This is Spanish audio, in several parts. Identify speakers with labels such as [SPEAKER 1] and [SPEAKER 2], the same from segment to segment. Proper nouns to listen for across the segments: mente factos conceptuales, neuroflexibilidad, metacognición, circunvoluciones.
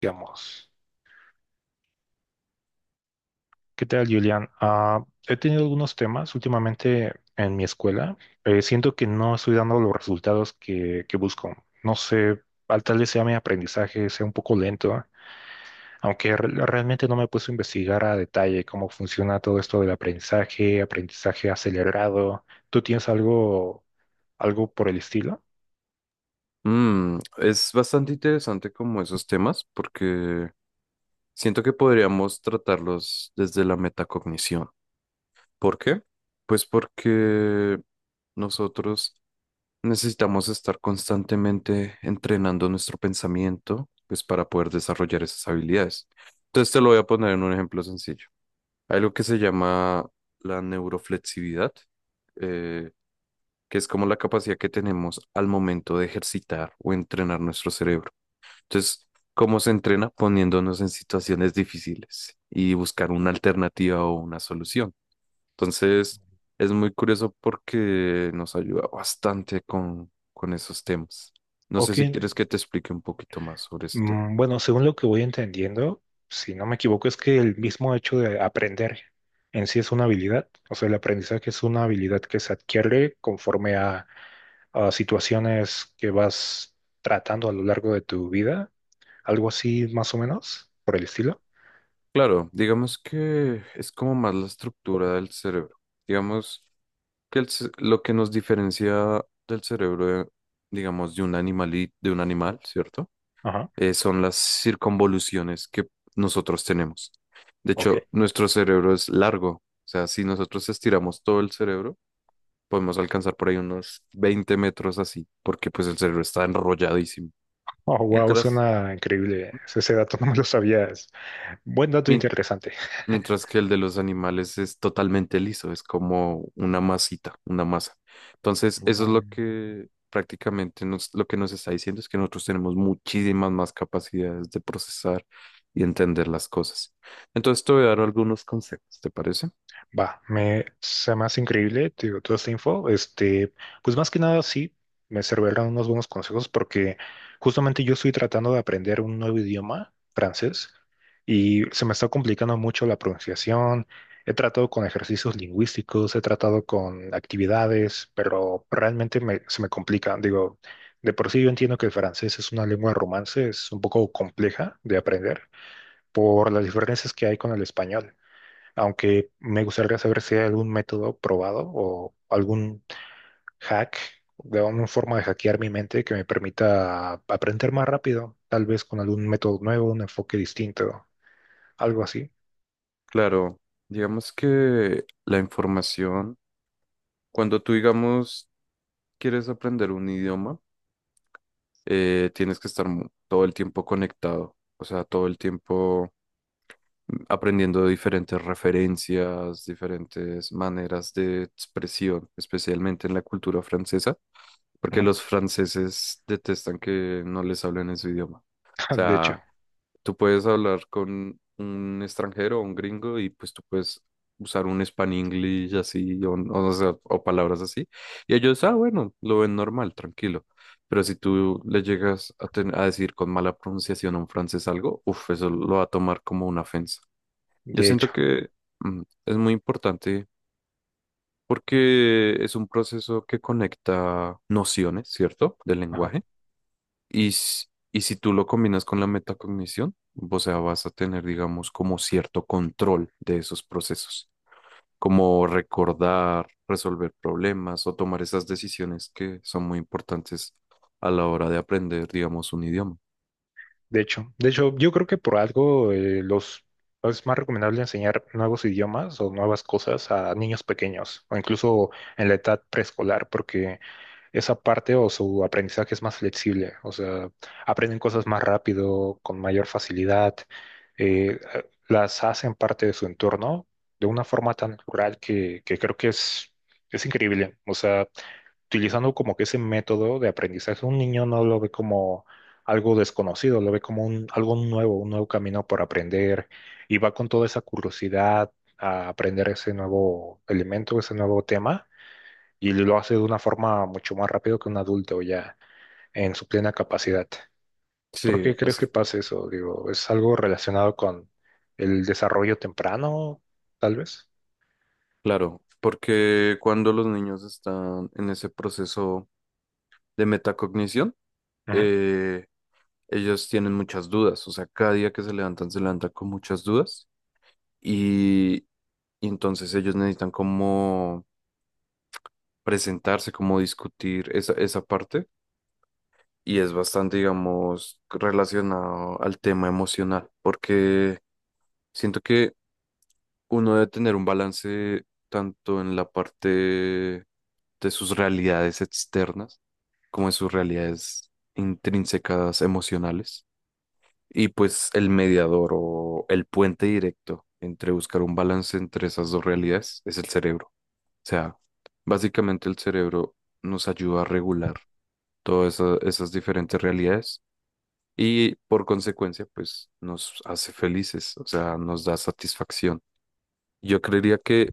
[SPEAKER 1] Digamos, ¿qué tal, Julián? He tenido algunos temas últimamente en mi escuela. Siento que no estoy dando los resultados que busco. No sé, al tal vez sea mi aprendizaje, sea un poco lento, aunque realmente no me he puesto a investigar a detalle cómo funciona todo esto del aprendizaje, aprendizaje acelerado. ¿Tú tienes algo, algo por el estilo?
[SPEAKER 2] Mm, es bastante interesante como esos temas porque siento que podríamos tratarlos desde la metacognición. ¿Por qué? Pues porque nosotros necesitamos estar constantemente entrenando nuestro pensamiento, pues para poder desarrollar esas habilidades. Entonces te lo voy a poner en un ejemplo sencillo. Hay algo que se llama la neuroflexibilidad, eh, que es como la capacidad que tenemos al momento de ejercitar o entrenar nuestro cerebro. Entonces, ¿cómo se entrena? Poniéndonos en situaciones difíciles y buscar una alternativa o una solución. Entonces, es muy curioso porque nos ayuda bastante con esos temas. No sé
[SPEAKER 1] Ok.
[SPEAKER 2] si quieres que te explique un poquito más sobre ese tema.
[SPEAKER 1] Bueno, según lo que voy entendiendo, si no me equivoco, es que el mismo hecho de aprender en sí es una habilidad. O sea, el aprendizaje es una habilidad que se adquiere conforme a situaciones que vas tratando a lo largo de tu vida. Algo así, más o menos, por el estilo.
[SPEAKER 2] Claro, digamos que es como más la estructura del cerebro. Digamos que lo que nos diferencia del cerebro, digamos, de un de un animal, ¿cierto?
[SPEAKER 1] Ajá,
[SPEAKER 2] Son las circunvoluciones que nosotros tenemos. De
[SPEAKER 1] ok.
[SPEAKER 2] hecho, nuestro cerebro es largo. O sea, si nosotros estiramos todo el cerebro, podemos alcanzar por ahí unos 20 metros así, porque pues el cerebro está enrolladísimo.
[SPEAKER 1] Oh, wow,
[SPEAKER 2] Mientras,
[SPEAKER 1] suena increíble. Ese dato no me lo sabías. Buen dato
[SPEAKER 2] mien-
[SPEAKER 1] interesante.
[SPEAKER 2] Mientras que el de los animales es totalmente liso, es como una masita, una masa. Entonces, eso es lo
[SPEAKER 1] Mm.
[SPEAKER 2] que prácticamente lo que nos está diciendo es que nosotros tenemos muchísimas más capacidades de procesar y entender las cosas. Entonces, te voy a dar algunos consejos, ¿te parece?
[SPEAKER 1] Va, me se me hace increíble, te digo, toda esta info. Este, pues más que nada sí, me servirán unos buenos consejos porque justamente yo estoy tratando de aprender un nuevo idioma, francés, y se me está complicando mucho la pronunciación. He tratado con ejercicios lingüísticos, he tratado con actividades, pero realmente se me complica. Digo, de por sí yo entiendo que el francés es una lengua romance, es un poco compleja de aprender por las diferencias que hay con el español, aunque me gustaría saber si hay algún método probado o algún hack, de alguna forma de hackear mi mente que me permita aprender más rápido, tal vez con algún método nuevo, un enfoque distinto, algo así.
[SPEAKER 2] Claro, digamos que la información, cuando tú, digamos, quieres aprender un idioma, tienes que estar todo el tiempo conectado, o sea, todo el tiempo aprendiendo de diferentes referencias, diferentes maneras de expresión, especialmente en la cultura francesa, porque
[SPEAKER 1] Ujú.
[SPEAKER 2] los franceses detestan que no les hablen en su idioma. O
[SPEAKER 1] De hecho,
[SPEAKER 2] sea, tú puedes hablar con un extranjero o un gringo y pues tú puedes usar un span English así o sea, o palabras así. Y ellos, ah, bueno, lo ven normal, tranquilo. Pero si tú le llegas a decir con mala pronunciación a un francés algo, uff, eso lo va a tomar como una ofensa. Yo
[SPEAKER 1] de
[SPEAKER 2] siento
[SPEAKER 1] hecho,
[SPEAKER 2] que es muy importante porque es un proceso que conecta nociones, ¿cierto?, del
[SPEAKER 1] ajá,
[SPEAKER 2] lenguaje. Y, s- y si tú lo combinas con la metacognición, o sea, vas a tener, digamos, como cierto control de esos procesos, como recordar, resolver problemas o tomar esas decisiones que son muy importantes a la hora de aprender, digamos, un idioma.
[SPEAKER 1] de hecho, de hecho, yo creo que por algo los es más recomendable enseñar nuevos idiomas o nuevas cosas a niños pequeños o incluso en la edad preescolar, porque esa parte o su aprendizaje es más flexible, o sea, aprenden cosas más rápido, con mayor facilidad, las hacen parte de su entorno de una forma tan natural que creo que es increíble, o sea, utilizando como que ese método de aprendizaje, un niño no lo ve como algo desconocido, lo ve como algo nuevo, un nuevo camino por aprender y va con toda esa curiosidad a aprender ese nuevo elemento, ese nuevo tema y lo hace de una forma mucho más rápido que un adulto ya en su plena capacidad. ¿Por
[SPEAKER 2] Sí,
[SPEAKER 1] qué crees que pasa eso? Digo, ¿es algo relacionado con el desarrollo temprano, tal vez?
[SPEAKER 2] claro, porque cuando los niños están en ese proceso de metacognición,
[SPEAKER 1] Ujú,
[SPEAKER 2] eh, ellos tienen muchas dudas, o sea, cada día que se levantan con muchas dudas y, y entonces ellos necesitan como presentarse, como discutir esa parte y es bastante, digamos, relacionado al tema emocional, porque siento que uno debe tener un balance tanto en la parte de sus realidades externas como en sus realidades intrínsecas emocionales. Y pues el mediador o el puente directo entre buscar un balance entre esas dos realidades es el cerebro. O sea, básicamente el cerebro nos ayuda a regular esas diferentes realidades y por consecuencia, pues nos hace felices, o sea, nos da satisfacción. Yo creería que,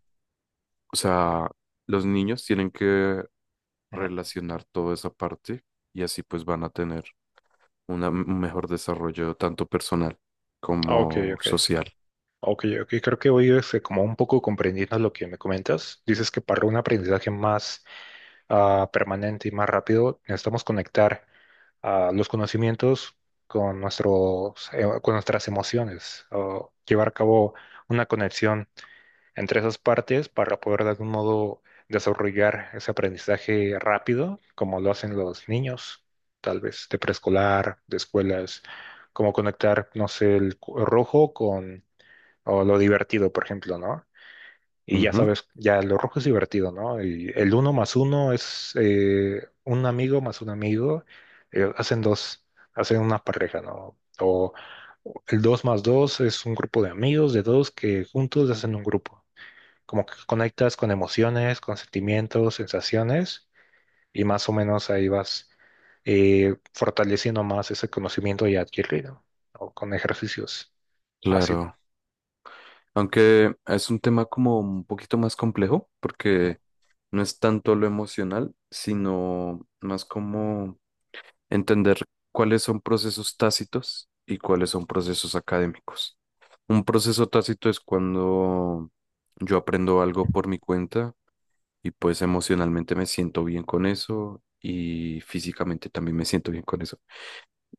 [SPEAKER 2] o sea, los niños tienen que
[SPEAKER 1] ujú.
[SPEAKER 2] relacionar toda esa parte y así pues van a tener un mejor desarrollo tanto personal
[SPEAKER 1] Ok,
[SPEAKER 2] como
[SPEAKER 1] ok.
[SPEAKER 2] social.
[SPEAKER 1] Ok, ok. Creo que hoy es como un poco comprendiendo lo que me comentas. Dices que para un aprendizaje más permanente y más rápido, necesitamos conectar los conocimientos con con nuestras emociones, o llevar a cabo una conexión entre esas partes para poder de algún modo desarrollar ese aprendizaje rápido, como lo hacen los niños, tal vez de preescolar, de escuelas, como conectar, no sé, el rojo con o lo divertido, por ejemplo, ¿no? Y ya
[SPEAKER 2] Ujú.
[SPEAKER 1] sabes, ya lo rojo es divertido, ¿no? Y el uno más uno es un amigo más un amigo, hacen dos, hacen una pareja, ¿no? O el dos más dos es un grupo de amigos de dos que juntos hacen un grupo, como que conectas con emociones, con sentimientos, sensaciones, y más o menos ahí vas fortaleciendo más ese conocimiento ya adquirido, o con ejercicios así.
[SPEAKER 2] Claro, aunque es un tema como un poquito más complejo, porque no es tanto lo emocional, sino más como entender cuáles son procesos tácitos y cuáles son procesos académicos. Un proceso tácito es cuando yo aprendo algo por mi cuenta y pues emocionalmente me siento bien con eso y físicamente también me siento bien con eso,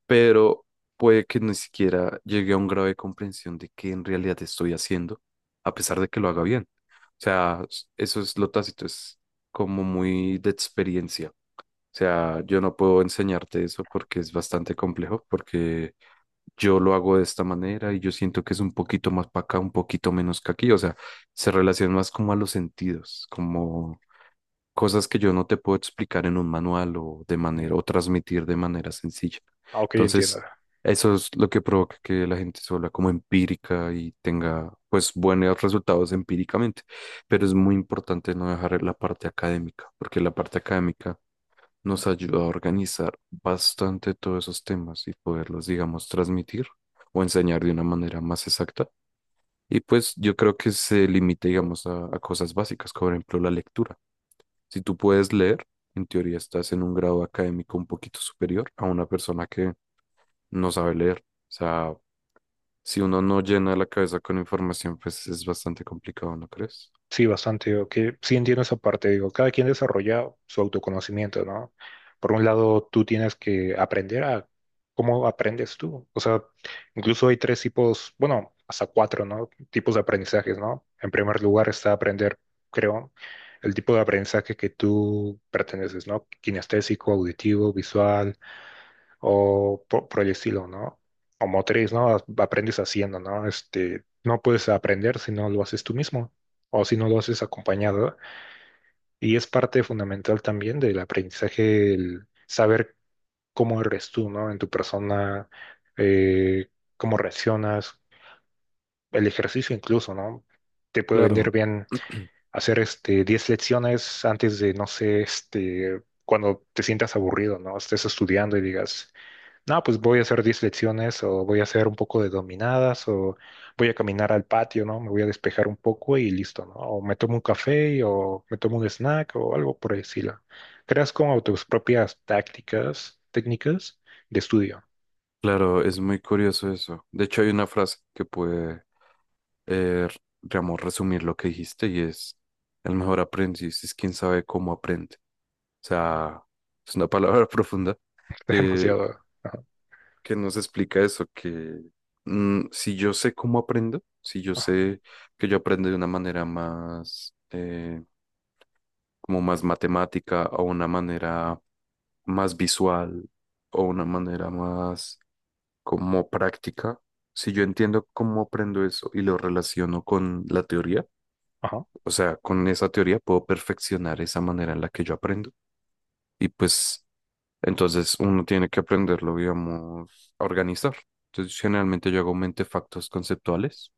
[SPEAKER 2] pero puede que ni siquiera llegue a un grado de comprensión de qué en realidad estoy haciendo, a pesar de que lo haga bien. O sea, eso es lo tácito, es como muy de experiencia. O sea, yo no puedo enseñarte eso porque es bastante complejo, porque yo lo hago de esta manera y yo siento que es un poquito más para acá, un poquito menos que aquí. O sea, se relaciona más como a los sentidos, como cosas que yo no te puedo explicar en un manual o de manera
[SPEAKER 1] Mm,
[SPEAKER 2] o transmitir de manera sencilla.
[SPEAKER 1] Ok, entiendo.
[SPEAKER 2] Entonces, eso es lo que provoca que la gente se vuelva como empírica y tenga pues buenos resultados empíricamente, pero es muy importante no dejar la parte académica, porque la parte académica nos ayuda a organizar bastante todos esos temas y poderlos, digamos, transmitir o enseñar de una manera más exacta, y pues yo creo que se limita, digamos, a cosas básicas, como por ejemplo la lectura. Si tú puedes leer, en teoría estás en un grado académico un poquito superior a una persona que no sabe leer. O sea, si uno no llena la cabeza con información, pues es bastante complicado, ¿no crees?
[SPEAKER 1] Sí, bastante, digo, que sí entiendo esa parte, digo, cada quien desarrolla su autoconocimiento, ¿no? Por un lado, tú tienes que aprender a cómo aprendes tú, o sea, incluso hay tres tipos, bueno, hasta cuatro, ¿no? Tipos de aprendizajes, ¿no? En primer lugar está aprender, creo, el tipo de aprendizaje que tú perteneces, ¿no? Kinestésico, auditivo, visual, o por el estilo, ¿no? O motriz, ¿no? Aprendes haciendo, ¿no? Este, no puedes aprender si no lo haces tú mismo o si no lo haces acompañado. Y es parte fundamental también del aprendizaje, el saber cómo eres tú, ¿no? En tu persona, eh, cómo reaccionas, el ejercicio incluso, ¿no? Te puede venir
[SPEAKER 2] Claro,
[SPEAKER 1] bien hacer este 10 lecciones antes de, no sé, este, cuando te sientas aburrido, ¿no? Estés estudiando y digas, no, pues voy a hacer 10 flexiones o voy a hacer un poco de dominadas o voy a caminar al patio, ¿no? Me voy a despejar un poco y listo, ¿no? O me tomo un café o me tomo un snack o algo por el estilo. Creas como tus propias tácticas, técnicas de estudio.
[SPEAKER 2] claro, es muy curioso eso. De hecho, hay una frase que puede, eh, digamos, resumir lo que dijiste y es, el mejor aprendiz es quien sabe cómo aprende. O sea, es una palabra profunda que,
[SPEAKER 1] Demasiado. Ajá,
[SPEAKER 2] que nos explica eso, que si yo sé cómo aprendo, si yo
[SPEAKER 1] ajá,
[SPEAKER 2] sé que yo aprendo de una manera más, como más matemática o una manera más visual o una manera más como práctica, si yo entiendo cómo aprendo eso y lo relaciono con la teoría,
[SPEAKER 1] ajá.
[SPEAKER 2] o sea, con esa teoría puedo perfeccionar esa manera en la que yo aprendo. Y pues entonces uno tiene que aprenderlo, digamos, a organizar. Entonces generalmente yo hago mente factos conceptuales,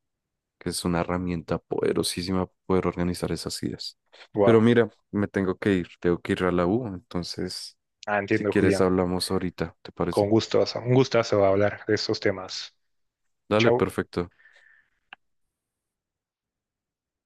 [SPEAKER 2] que es una herramienta poderosísima para poder organizar esas ideas.
[SPEAKER 1] Wow.
[SPEAKER 2] Pero mira, me tengo que ir a la U, entonces
[SPEAKER 1] Ah,
[SPEAKER 2] si
[SPEAKER 1] entiendo,
[SPEAKER 2] quieres
[SPEAKER 1] Julián.
[SPEAKER 2] hablamos ahorita, ¿te parece?
[SPEAKER 1] Con gusto, un gustazo hablar de estos temas.
[SPEAKER 2] Dale,
[SPEAKER 1] Chao.
[SPEAKER 2] perfecto.